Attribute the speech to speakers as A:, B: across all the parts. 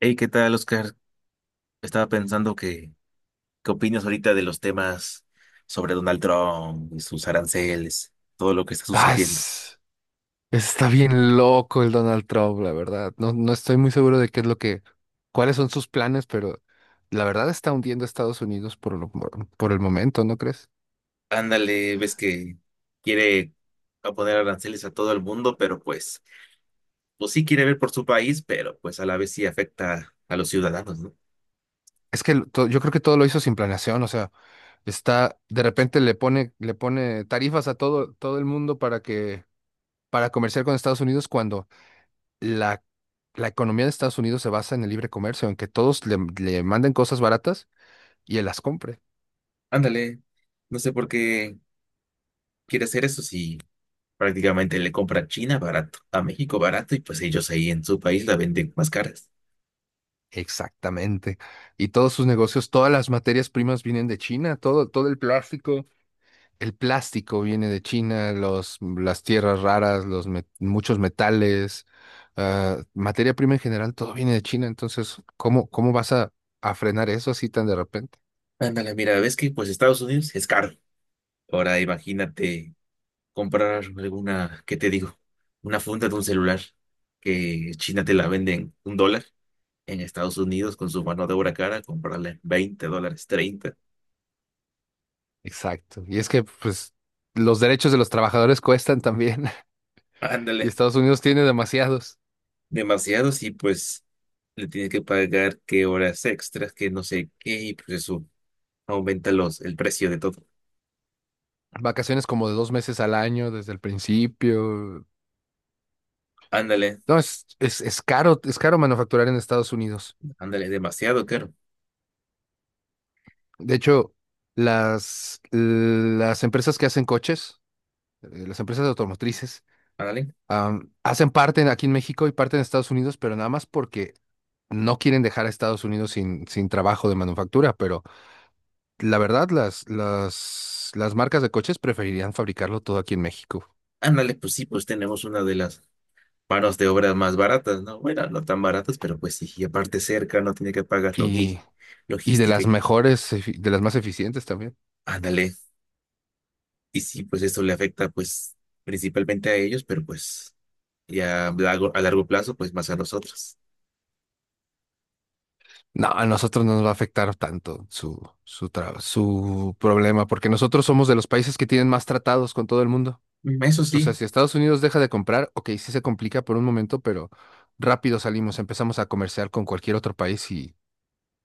A: Hey, ¿qué tal, Oscar? Estaba pensando ¿qué opinas ahorita de los temas sobre Donald Trump y sus aranceles, todo lo que está
B: Ah,
A: sucediendo?
B: es- Está bien loco el Donald Trump, la verdad. No, no estoy muy seguro de qué es lo que, cuáles son sus planes, pero la verdad está hundiendo a Estados Unidos por lo- por el momento, ¿no crees?
A: Ándale, ves que quiere a poner aranceles a todo el mundo, pues sí quiere ver por su país, pero pues a la vez sí afecta a los ciudadanos, ¿no?
B: Es que yo creo que todo lo hizo sin planeación, o sea, está, de repente le pone tarifas a todo el mundo para que, para comerciar con Estados Unidos cuando la, la economía de Estados Unidos se basa en el libre comercio, en que todos le manden cosas baratas y él las compre.
A: Ándale, no sé por qué quiere hacer eso si prácticamente le compra a China barato, a México barato, y pues ellos ahí en su país la venden más caras.
B: Exactamente. Y todos sus negocios, todas las materias primas vienen de China, todo el plástico viene de China, las tierras raras, muchos metales, materia prima en general, todo viene de China. Entonces, ¿cómo vas a frenar eso así tan de repente?
A: Ándale, mira, ves que pues Estados Unidos es caro. Ahora imagínate comprar alguna, ¿qué te digo? Una funda de un celular que China te la venden $1, en Estados Unidos con su mano de obra cara, comprarla en $20, 30.
B: Exacto. Y es que, pues, los derechos de los trabajadores cuestan también, y
A: Ándale,
B: Estados Unidos tiene demasiados.
A: demasiados y pues le tienes que pagar qué horas extras, que no sé qué, y pues eso aumenta el precio de todo.
B: Vacaciones como de 2 meses al año desde el principio.
A: Ándale,
B: No, es caro manufacturar en Estados Unidos.
A: ándale, demasiado caro.
B: De hecho, las empresas que hacen coches, las empresas automotrices,
A: Ándale,
B: hacen parte aquí en México y parte en Estados Unidos, pero nada más porque no quieren dejar a Estados Unidos sin trabajo de manufactura. Pero la verdad, las marcas de coches preferirían fabricarlo todo aquí en México.
A: ándale, pues sí, pues tenemos una de las manos de obras más baratas, ¿no? Bueno, no tan baratas, pero pues sí, y aparte cerca, no tiene que pagar
B: Y, y de
A: logística
B: las
A: y
B: mejores, de las más eficientes también.
A: ándale. Y sí, pues esto le afecta pues principalmente a ellos, pero pues ya a largo plazo, pues más a nosotros.
B: No, a nosotros no nos va a afectar tanto su problema, porque nosotros somos de los países que tienen más tratados con todo el mundo.
A: Mm, eso
B: O sea,
A: sí,
B: si Estados Unidos deja de comprar, ok, sí se complica por un momento, pero rápido salimos, empezamos a comerciar con cualquier otro país y,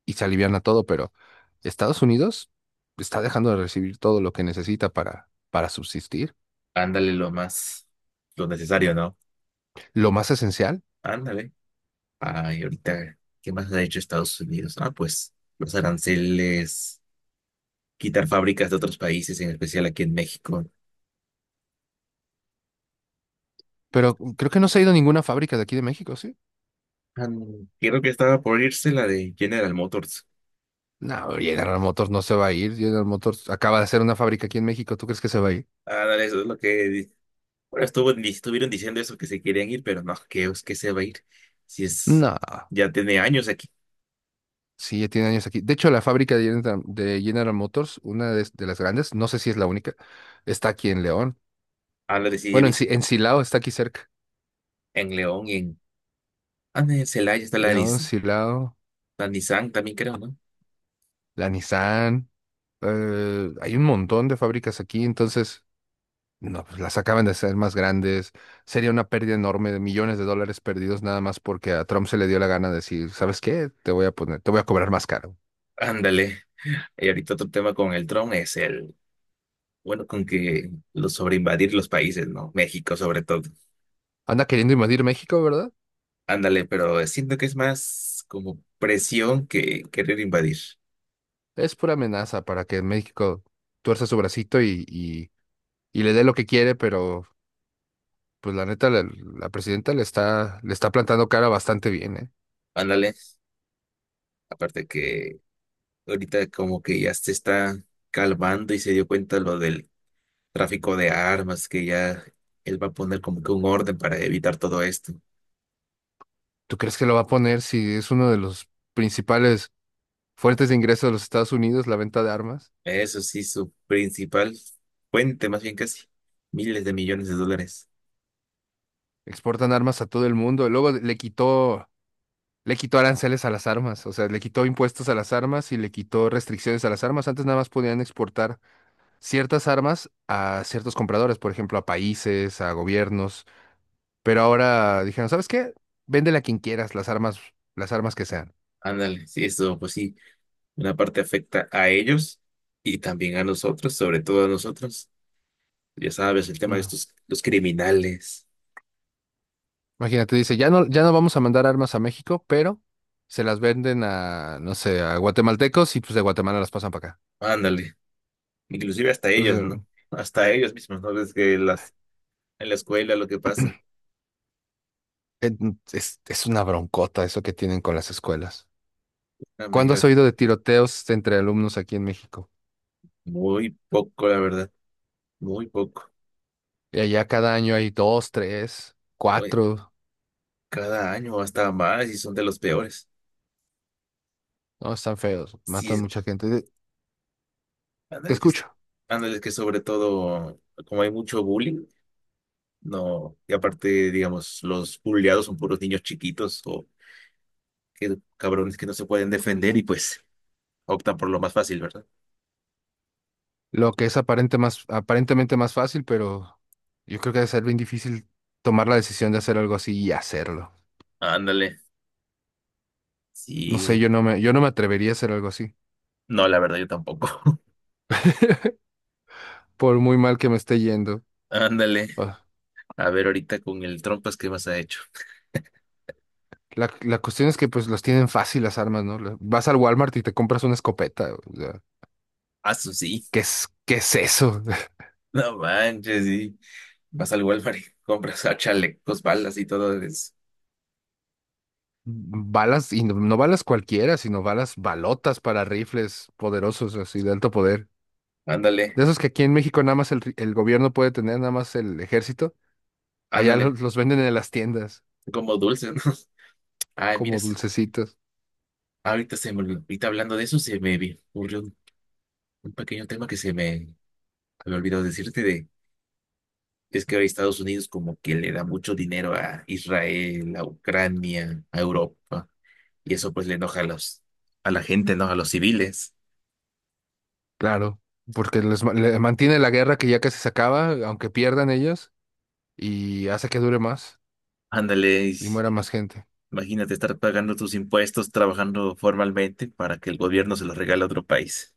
B: y se aliviana todo, pero Estados Unidos está dejando de recibir todo lo que necesita para subsistir,
A: ándale lo más, lo necesario, ¿no?
B: lo más esencial,
A: Ándale. Ay, ahorita, ¿qué más ha hecho Estados Unidos? Ah, pues los aranceles, quitar fábricas de otros países, en especial aquí en México.
B: pero creo que no se ha ido ninguna fábrica de aquí de México, ¿sí?
A: Ah, no, creo que estaba por irse la de General Motors.
B: No, General Motors no se va a ir, General Motors acaba de hacer una fábrica aquí en México, ¿tú crees que se va a ir?
A: Ándale, eso es lo Bueno, estuvieron diciendo eso que se querían ir, pero no, que es que se va a ir. Si es.
B: No,
A: Ya tiene años aquí.
B: sí, ya tiene años aquí. De hecho, la fábrica de General Motors, una de las grandes, no sé si es la única, está aquí en León.
A: Habla de si he
B: Bueno, en, Si-
A: visto
B: en Silao está aquí cerca.
A: en León y en. Ah, no, en Celaya está
B: León, Silao,
A: La Nissan también, creo, ¿no?
B: la Nissan. Hay un montón de fábricas aquí, entonces, no, pues las acaban de hacer más grandes. Sería una pérdida enorme de millones de dólares perdidos nada más porque a Trump se le dio la gana de decir, ¿sabes qué? Te voy a poner, te voy a cobrar más caro.
A: Ándale. Y ahorita otro tema con el Trump es el. Bueno, con que lo sobre invadir los países, ¿no? México sobre todo.
B: Anda queriendo invadir México, ¿verdad?
A: Ándale, pero siento que es más como presión que querer invadir.
B: Es pura amenaza para que México tuerza su bracito y le dé lo que quiere, pero pues la neta, la presidenta le está plantando cara bastante bien, ¿eh?
A: Ándale. Aparte que. Ahorita como que ya se está calmando y se dio cuenta lo del tráfico de armas, que ya él va a poner como que un orden para evitar todo esto.
B: ¿Tú crees que lo va a poner si es uno de los principales fuentes de ingresos de los Estados Unidos, la venta de armas?
A: Eso sí, su principal fuente, más bien casi, miles de millones de dólares.
B: Exportan armas a todo el mundo. Y luego le quitó aranceles a las armas, o sea, le quitó impuestos a las armas y le quitó restricciones a las armas. Antes nada más podían exportar ciertas armas a ciertos compradores, por ejemplo, a países, a gobiernos. Pero ahora dijeron, ¿sabes qué? Véndele a quien quieras las armas que sean.
A: Ándale, sí, eso pues sí, una parte afecta a ellos y también a nosotros, sobre todo a nosotros. Ya sabes, el tema de
B: No.
A: estos, los criminales.
B: Imagínate, dice, ya no, ya no vamos a mandar armas a México, pero se las venden a, no sé, a guatemaltecos y pues de Guatemala las pasan para acá.
A: Ándale, inclusive hasta ellos,
B: Entonces,
A: ¿no? Hasta ellos mismos, ¿no? Ves que en la escuela lo que pasa.
B: eh, es una broncota eso que tienen con las escuelas. ¿Cuándo has
A: Amiga,
B: oído de tiroteos entre alumnos aquí en México?
A: muy poco, la verdad, muy poco.
B: Y allá cada año hay dos, tres,
A: Oye,
B: cuatro.
A: cada año hasta más y son de los peores.
B: No, están feos,
A: Sí,
B: matan
A: es-
B: mucha gente. Te
A: ándale
B: escucho.
A: ándale que sobre todo, como hay mucho bullying, no, y aparte, digamos, los bulleados son puros niños chiquitos o que, cabrones que no se pueden defender y pues optan por lo más fácil, ¿verdad?
B: Lo que es aparentemente más fácil, pero yo creo que debe ser bien difícil tomar la decisión de hacer algo así y hacerlo.
A: Ándale,
B: No sé,
A: sí,
B: yo no me atrevería a hacer algo así,
A: no, la verdad yo tampoco.
B: por muy mal que me esté yendo.
A: Ándale,
B: Ah,
A: a ver ahorita con el trompas, ¿qué más ha hecho?
B: la cuestión es que pues los tienen fácil las armas, ¿no? Vas al Walmart y te compras una escopeta. O sea,
A: Ah, sí,
B: ¿qué es eso?
A: no manches, sí. Vas al Walmart y compras a chalecos, balas y todo eso.
B: Balas, y no, no balas cualquiera, sino balas balotas para rifles poderosos, así de alto poder.
A: Ándale,
B: De esos que aquí en México nada más el gobierno puede tener, nada más el ejército. Allá
A: ándale.
B: los venden en las tiendas
A: Como dulce, ¿no? Ay,
B: como
A: miras.
B: dulcecitos.
A: Ahorita se me olvidó. Ahorita hablando de eso, se me ocurrió un pequeño tema que se me había olvidado decirte de. Es que ahora Estados Unidos como que le da mucho dinero a Israel, a Ucrania, a Europa. Y eso pues le enoja a a la gente, ¿no? A los civiles.
B: Claro, porque mantiene la guerra que ya casi se acaba, aunque pierdan ellos. Y hace que dure más
A: Ándale, y
B: y muera más gente.
A: imagínate estar pagando tus impuestos, trabajando formalmente para que el gobierno se los regale a otro país.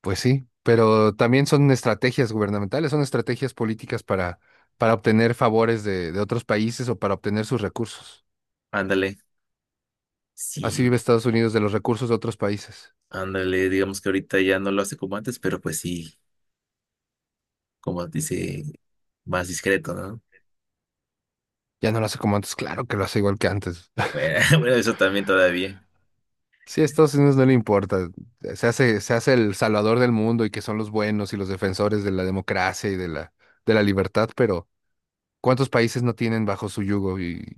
B: Pues sí, pero también son estrategias gubernamentales, son estrategias políticas para obtener favores de otros países o para obtener sus recursos.
A: Ándale,
B: Así
A: sí,
B: vive Estados Unidos de los recursos de otros países.
A: ándale, digamos que ahorita ya no lo hace como antes, pero pues sí, como dice, más discreto, ¿no?
B: Ya no lo hace como antes, claro que lo hace igual que antes.
A: Bueno, bueno, eso también todavía.
B: Sí, a Estados Unidos no le importa. Se hace el salvador del mundo y que son los buenos y los defensores de la democracia y de la libertad, pero ¿cuántos países no tienen bajo su yugo y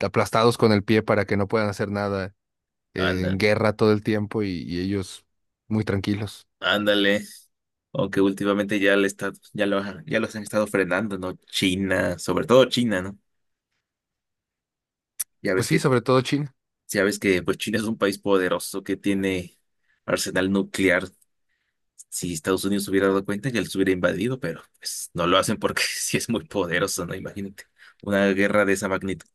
B: aplastados con el pie para que no puedan hacer nada? En
A: Ándale,
B: guerra todo el tiempo y ellos muy tranquilos.
A: ándale. Aunque últimamente ya le está, ya lo, ya los han estado frenando, ¿no? China, sobre todo China, ¿no? Ya ves
B: Pues sí, sobre todo China.
A: ya ves que pues China es un país poderoso que tiene arsenal nuclear. Si Estados Unidos hubiera dado cuenta, ya los hubiera invadido, pero pues no lo hacen porque sí es muy poderoso, ¿no? Imagínate, una guerra de esa magnitud.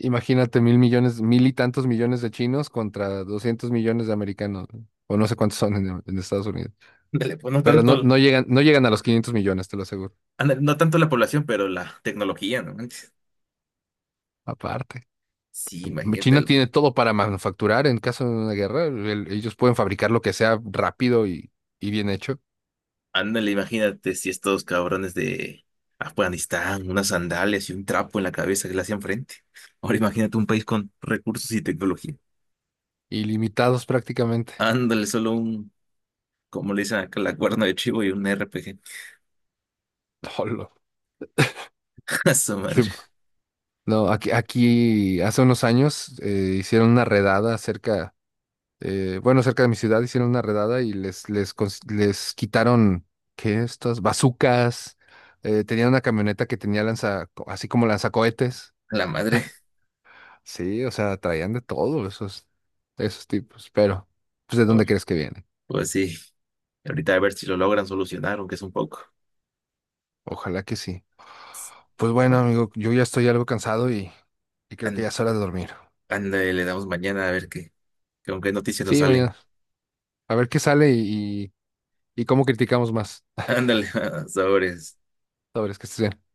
B: Imagínate 1.000 millones, mil y tantos millones de chinos contra 200 millones de americanos, ¿no? O no sé cuántos son en Estados Unidos.
A: Ándale, pues no
B: Pero no,
A: tanto.
B: no llegan a los 500 millones, te lo aseguro.
A: Ándale, no tanto la población, pero la tecnología, ¿no manches?
B: Aparte,
A: Sí, imagínate,
B: China tiene todo para manufacturar en caso de una guerra. Ellos pueden fabricar lo que sea rápido y bien hecho,
A: ándale, imagínate si estos cabrones de Afganistán, unas sandalias y un trapo en la cabeza que le hacían frente. Ahora imagínate un país con recursos y tecnología.
B: ilimitados prácticamente.
A: Ándale, solo un, como le dicen acá, la cuerna de chivo y un RPG.
B: Olo.
A: A su
B: Sí,
A: madre,
B: no, aquí hace unos años hicieron una redada cerca bueno, cerca de mi ciudad hicieron una redada y les quitaron, ¿qué? Estas bazucas. Tenían una camioneta que tenía así como lanzacohetes.
A: a la madre.
B: Sí, o sea, traían de todo esos tipos. Pero, pues, ¿de dónde
A: Pues,
B: crees que vienen?
A: pues sí, ahorita a ver si lo logran solucionar, aunque es un poco.
B: Ojalá que sí. Pues bueno,
A: Bueno,
B: amigo, yo ya estoy algo cansado y creo que ya es hora de dormir.
A: ándale, le damos mañana a ver qué, qué con qué noticias nos
B: Sí,
A: salen.
B: mañana. A ver qué sale y cómo criticamos más.
A: Ándale, sobres.
B: Sabes que estés bien.